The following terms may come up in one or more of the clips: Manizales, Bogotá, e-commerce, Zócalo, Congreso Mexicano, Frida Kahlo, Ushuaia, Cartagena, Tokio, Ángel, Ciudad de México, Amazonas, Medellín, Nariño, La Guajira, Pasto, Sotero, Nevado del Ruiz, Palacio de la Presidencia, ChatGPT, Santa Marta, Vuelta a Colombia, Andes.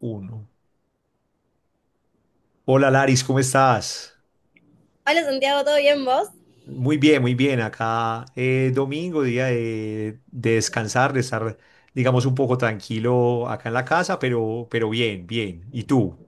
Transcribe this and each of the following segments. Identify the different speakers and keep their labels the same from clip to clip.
Speaker 1: Uno. Hola Laris, ¿cómo estás?
Speaker 2: Hola Santiago, ¿todo bien vos?
Speaker 1: Muy bien, muy bien. Acá domingo, día de descansar, de estar, digamos, un poco tranquilo acá en la casa, pero bien, bien. ¿Y tú?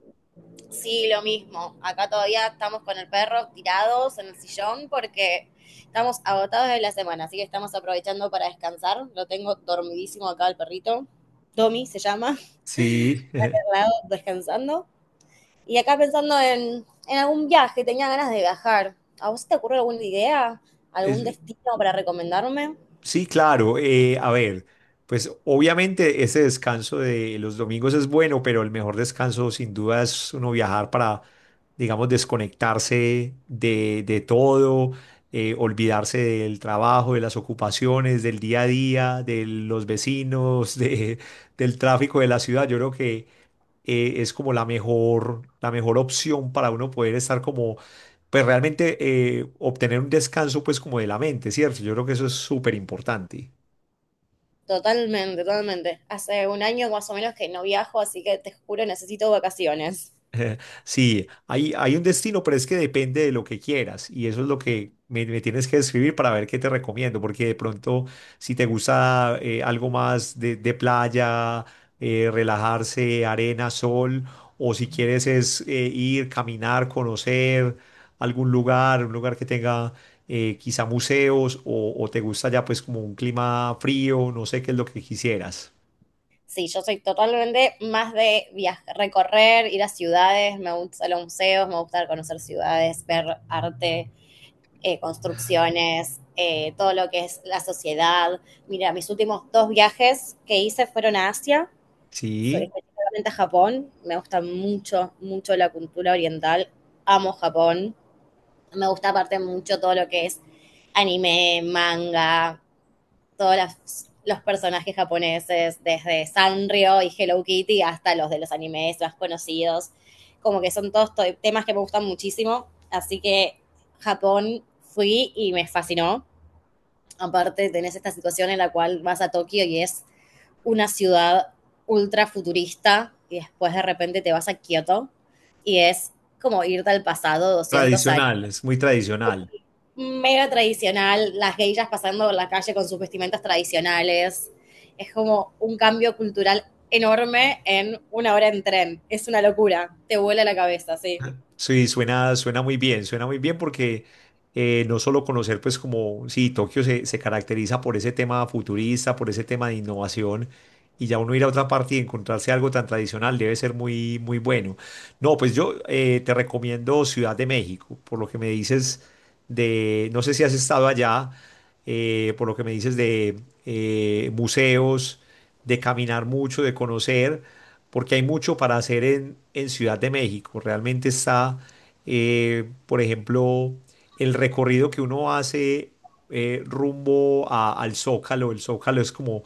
Speaker 2: Sí, lo mismo. Acá todavía estamos con el perro tirados en el sillón porque estamos agotados de la semana, así que estamos aprovechando para descansar. Lo tengo dormidísimo acá el perrito. Tommy se llama,
Speaker 1: Sí,
Speaker 2: al lado, descansando. Y acá pensando en algún viaje, tenía ganas de viajar. ¿A vos te ocurre alguna idea? ¿Algún
Speaker 1: es-
Speaker 2: destino para recomendarme?
Speaker 1: sí, claro. A ver, pues obviamente ese descanso de los domingos es bueno, pero el mejor descanso sin duda es uno viajar para digamos, desconectarse de todo, olvidarse del trabajo, de las ocupaciones, del día a día, de los vecinos, del tráfico de la ciudad. Yo creo que es como la mejor opción para uno poder estar como, pues realmente obtener un descanso pues como de la mente, ¿cierto? Yo creo que eso es súper importante.
Speaker 2: Totalmente, totalmente. Hace un año más o menos que no viajo, así que te juro necesito vacaciones.
Speaker 1: Sí, hay un destino, pero es que depende de lo que quieras. Y eso es lo que me tienes que escribir para ver qué te recomiendo. Porque de pronto, si te gusta algo más de playa, relajarse, arena, sol, o si quieres es ir, caminar, conocer algún lugar, un lugar que tenga quizá museos, o te gusta ya pues como un clima frío, no sé qué es lo que quisieras.
Speaker 2: Sí, yo soy totalmente más de viajar, recorrer, ir a ciudades, me gustan los museos, me gusta conocer ciudades, ver arte, construcciones, todo lo que es la sociedad. Mira, mis últimos dos viajes que hice fueron a Asia, soy
Speaker 1: Sí,
Speaker 2: específicamente a Japón, me gusta mucho, mucho la cultura oriental, amo Japón, me gusta aparte mucho todo lo que es anime, manga, todos los personajes japoneses, desde Sanrio y Hello Kitty hasta los de los animes más conocidos. Como que son todos temas que me gustan muchísimo. Así que Japón fui y me fascinó. Aparte, tenés esta situación en la cual vas a Tokio y es una ciudad ultra futurista y después de repente te vas a Kioto y es como irte al pasado 200 años
Speaker 1: tradicional, es muy tradicional.
Speaker 2: mega tradicional, las geishas pasando por la calle con sus vestimentas tradicionales. Es como un cambio cultural enorme en una hora en tren. Es una locura. Te vuela la cabeza, sí.
Speaker 1: Sí, suena muy bien porque no solo conocer, pues como, sí, Tokio se caracteriza por ese tema futurista, por ese tema de innovación, y ya uno ir a otra parte y encontrarse algo tan tradicional debe ser muy, muy bueno. No, pues yo te recomiendo Ciudad de México, por lo que me dices de, no sé si has estado allá, por lo que me dices de museos, de caminar mucho, de conocer porque hay mucho para hacer en Ciudad de México. Realmente está, por ejemplo, el recorrido que uno hace rumbo al Zócalo. El Zócalo es como,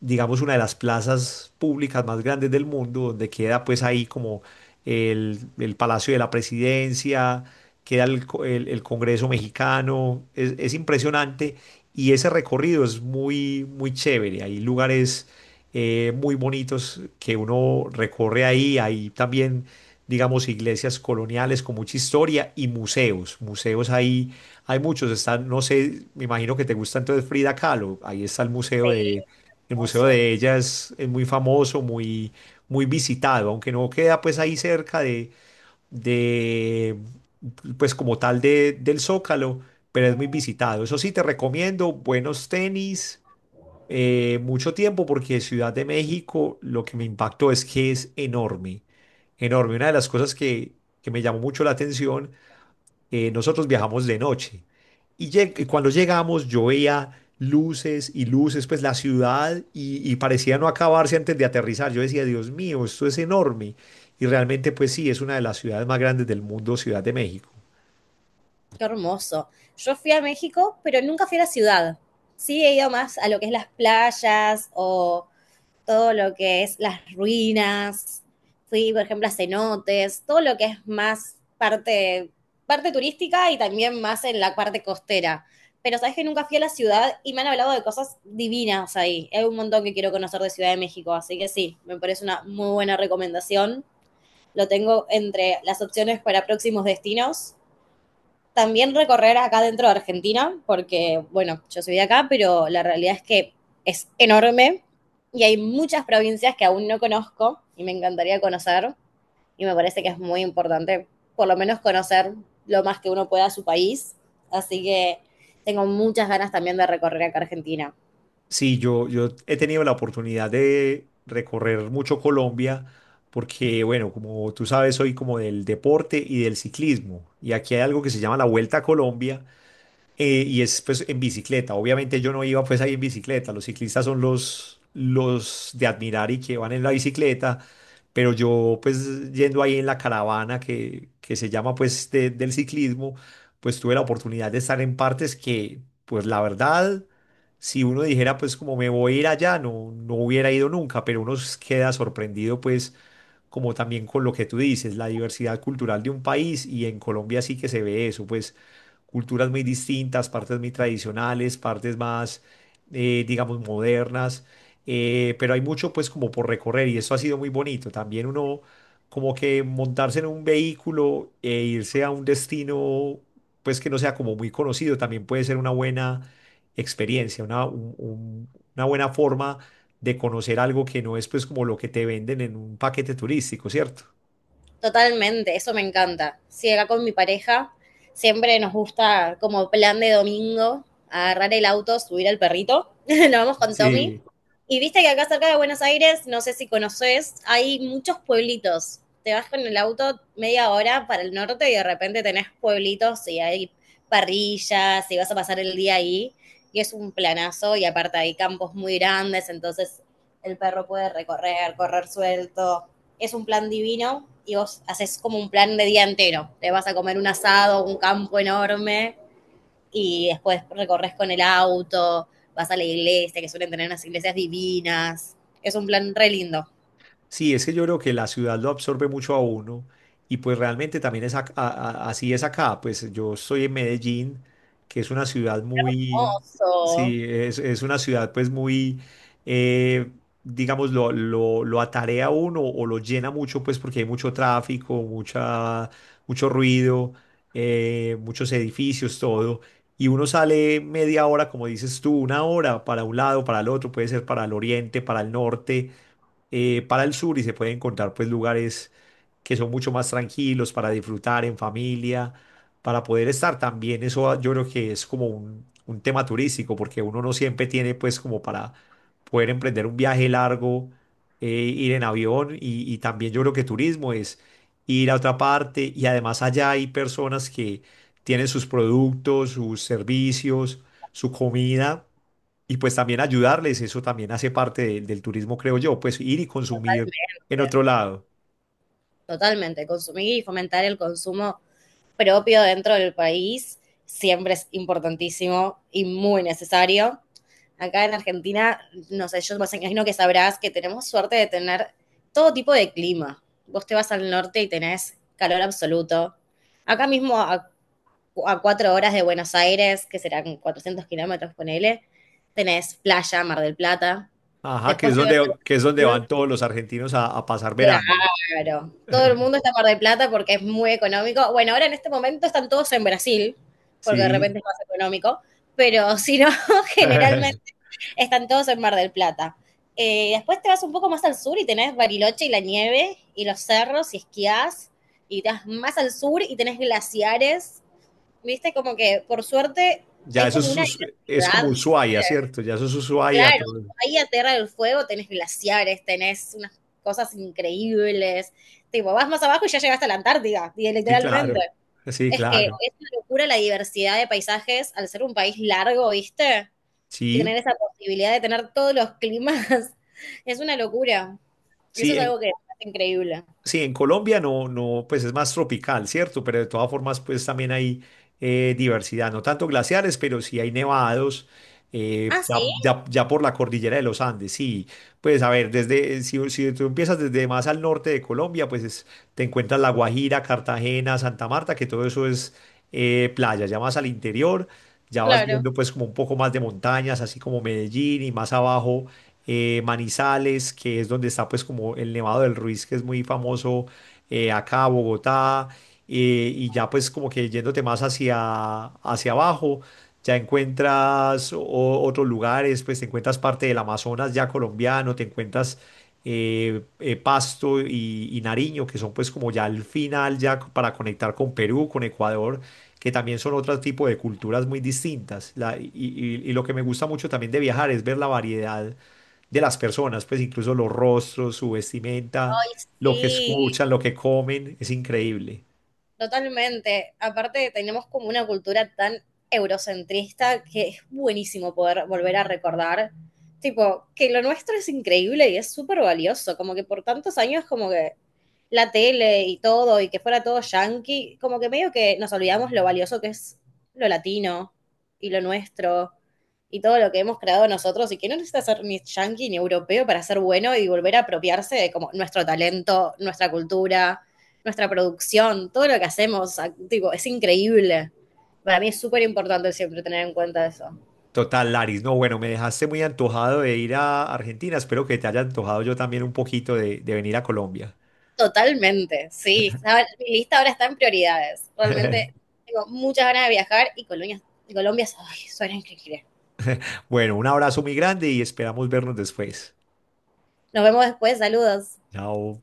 Speaker 1: digamos, una de las plazas públicas más grandes del mundo, donde queda pues ahí como el Palacio de la Presidencia, queda el Congreso Mexicano. Es impresionante y ese recorrido es muy, muy chévere. Hay lugares muy bonitos que uno recorre ahí. Hay también, digamos, iglesias coloniales con mucha historia y museos. Museos ahí hay muchos. Están, no sé, me imagino que te gusta entonces Frida Kahlo. Ahí está
Speaker 2: Sí,
Speaker 1: el museo
Speaker 2: hermoso.
Speaker 1: de ella es muy famoso, muy, muy visitado, aunque no queda pues ahí cerca de pues como tal del Zócalo, pero es muy visitado. Eso sí, te recomiendo buenos tenis mucho tiempo porque Ciudad de México lo que me impactó es que es enorme, enorme. Una de las cosas que me llamó mucho la atención, nosotros viajamos de noche y, y cuando llegamos yo veía luces y luces, pues la ciudad y parecía no acabarse antes de aterrizar. Yo decía, Dios mío, esto es enorme. Y realmente pues sí, es una de las ciudades más grandes del mundo, Ciudad de México.
Speaker 2: Qué hermoso. Yo fui a México, pero nunca fui a la ciudad. Sí, he ido más a lo que es las playas o todo lo que es las ruinas, fui, por ejemplo, a cenotes, todo lo que es más parte, parte turística y también más en la parte costera. Pero sabes que nunca fui a la ciudad y me han hablado de cosas divinas ahí. Hay un montón que quiero conocer de Ciudad de México, así que sí, me parece una muy buena recomendación. Lo tengo entre las opciones para próximos destinos, también recorrer acá dentro de Argentina, porque, bueno, yo soy de acá, pero la realidad es que es enorme y hay muchas provincias que aún no conozco y me encantaría conocer, y me parece que es muy importante por lo menos conocer lo más que uno pueda su país. Así que tengo muchas ganas también de recorrer acá Argentina.
Speaker 1: Sí, yo he tenido la oportunidad de recorrer mucho Colombia porque, bueno, como tú sabes, soy como del deporte y del ciclismo. Y aquí hay algo que se llama la Vuelta a Colombia, y es pues en bicicleta. Obviamente yo no iba pues ahí en bicicleta. Los ciclistas son los de admirar y que van en la bicicleta. Pero yo pues yendo ahí en la caravana que se llama pues del ciclismo, pues tuve la oportunidad de estar en partes que pues la verdad, si uno dijera pues como me voy a ir allá, no, no hubiera ido nunca. Pero uno queda sorprendido pues como también con lo que tú dices, la diversidad cultural de un país y en Colombia sí que se ve eso pues culturas muy distintas, partes muy tradicionales, partes más, digamos, modernas, pero hay mucho pues como por recorrer y eso ha sido muy bonito. También uno como que montarse en un vehículo e irse a un destino pues que no sea como muy conocido también puede ser una buena experiencia, una buena forma de conocer algo que no es pues como lo que te venden en un paquete turístico, ¿cierto?
Speaker 2: Totalmente, eso me encanta. Sí, acá con mi pareja siempre nos gusta como plan de domingo agarrar el auto, subir al perrito. Nos vamos con Tommy.
Speaker 1: Sí,
Speaker 2: Y viste que acá cerca de Buenos Aires, no sé si conoces, hay muchos pueblitos. Te vas con el auto media hora para el norte y de repente tenés pueblitos y hay parrillas y vas a pasar el día ahí. Y es un planazo y aparte hay campos muy grandes, entonces el perro puede recorrer, correr suelto, es un plan divino y vos haces como un plan de día entero. Te vas a comer un asado, un campo enorme y después recorres con el auto, vas a la iglesia, que suelen tener unas iglesias divinas. Es un plan re lindo.
Speaker 1: sí, es que yo creo que la ciudad lo absorbe mucho a uno y pues realmente también es así es acá. Pues yo estoy en Medellín, que es una ciudad muy,
Speaker 2: Oso.
Speaker 1: sí, es una ciudad pues muy, eh, digamos, lo atarea a uno o lo llena mucho pues porque hay mucho tráfico, mucha, mucho ruido, muchos edificios, todo. Y uno sale media hora, como dices tú, una hora para un lado, para el otro, puede ser para el oriente, para el norte para el sur y se puede encontrar pues lugares que son mucho más tranquilos para disfrutar en familia, para poder estar también. Eso yo creo que es como un tema turístico porque uno no siempre tiene pues como para poder emprender un viaje largo, ir en avión y también yo creo que turismo es ir a otra parte y además allá hay personas que tienen sus productos, sus servicios, su comida y pues también ayudarles, eso también hace parte del turismo, creo yo, pues ir y consumir en otro lado.
Speaker 2: Totalmente, consumir y fomentar el consumo propio dentro del país siempre es importantísimo y muy necesario. Acá en Argentina, no sé, yo me imagino que sabrás que tenemos suerte de tener todo tipo de clima. Vos te vas al norte y tenés calor absoluto. Acá mismo, a 4 horas de Buenos Aires, que serán 400 kilómetros, ponele, tenés playa, Mar del Plata.
Speaker 1: Ajá,
Speaker 2: Después te vas
Speaker 1: que es donde
Speaker 2: al
Speaker 1: van todos los argentinos a pasar
Speaker 2: sur.
Speaker 1: verano.
Speaker 2: Claro, todo el mundo está en Mar del Plata porque es muy económico. Bueno, ahora en este momento están todos en Brasil, porque de repente
Speaker 1: Sí.
Speaker 2: es más económico, pero si no, generalmente están todos en Mar del Plata. Después te vas un poco más al sur y tenés Bariloche y la nieve y los cerros y esquías. Y te vas más al sur y tenés glaciares. Viste, como que por suerte
Speaker 1: Ya
Speaker 2: hay
Speaker 1: eso
Speaker 2: como una
Speaker 1: Es como
Speaker 2: diversidad.
Speaker 1: Ushuaia, ¿cierto? Ya eso es Ushuaia
Speaker 2: Claro,
Speaker 1: todo.
Speaker 2: ahí a Tierra del Fuego tenés glaciares, tenés unas cosas increíbles. Tipo, vas más abajo y ya llegaste a la Antártida, y
Speaker 1: Sí,
Speaker 2: literalmente.
Speaker 1: claro. Sí,
Speaker 2: Es que
Speaker 1: claro.
Speaker 2: es una locura la diversidad de paisajes al ser un país largo, ¿viste? Que tener
Speaker 1: Sí,
Speaker 2: esa posibilidad de tener todos los climas es una locura. Eso
Speaker 1: sí,
Speaker 2: es
Speaker 1: en
Speaker 2: algo que es increíble.
Speaker 1: sí, en Colombia no, no, pues es más tropical, ¿cierto? Pero de todas formas, pues también hay diversidad, no tanto glaciares, pero sí hay nevados,
Speaker 2: Ah, sí,
Speaker 1: ya por la cordillera de los Andes, sí. Pues a ver, desde, si, si tú empiezas desde más al norte de Colombia, te encuentras La Guajira, Cartagena, Santa Marta, que todo eso es playa, ya más al interior, ya vas
Speaker 2: claro.
Speaker 1: viendo pues como un poco más de montañas, así como Medellín y más abajo Manizales, que es donde está pues como el Nevado del Ruiz, que es muy famoso acá, Bogotá, y ya pues como que yéndote más hacia, hacia abajo, ya encuentras otros lugares, pues te encuentras parte del Amazonas ya colombiano, te encuentras Pasto y Nariño, que son pues como ya el final, para conectar con Perú, con Ecuador que también son otro tipo de culturas muy distintas. Y lo que me gusta mucho también de viajar es ver la variedad de las personas, pues incluso los rostros, su vestimenta, lo que
Speaker 2: Sí,
Speaker 1: escuchan, lo que comen, es increíble.
Speaker 2: totalmente. Aparte, tenemos como una cultura tan eurocentrista que es buenísimo poder volver a recordar, tipo, que lo nuestro es increíble y es súper valioso, como que por tantos años como que la tele y todo y que fuera todo yankee, como que medio que nos olvidamos lo valioso que es lo latino y lo nuestro y todo lo que hemos creado nosotros y que no necesita ser ni yankee ni europeo para ser bueno, y volver a apropiarse de como nuestro talento, nuestra cultura, nuestra producción, todo lo que hacemos, tipo, es increíble. Para mí es súper importante siempre tener en cuenta eso.
Speaker 1: Total, Laris, no, bueno, me dejaste muy antojado de ir a Argentina, espero que te haya antojado yo también un poquito de venir a Colombia.
Speaker 2: Totalmente, sí. Mi lista ahora está en prioridades. Realmente tengo muchas ganas de viajar y Colombia ay, suena increíble.
Speaker 1: Bueno, un abrazo muy grande y esperamos vernos después.
Speaker 2: Nos vemos después, saludos.
Speaker 1: Chao.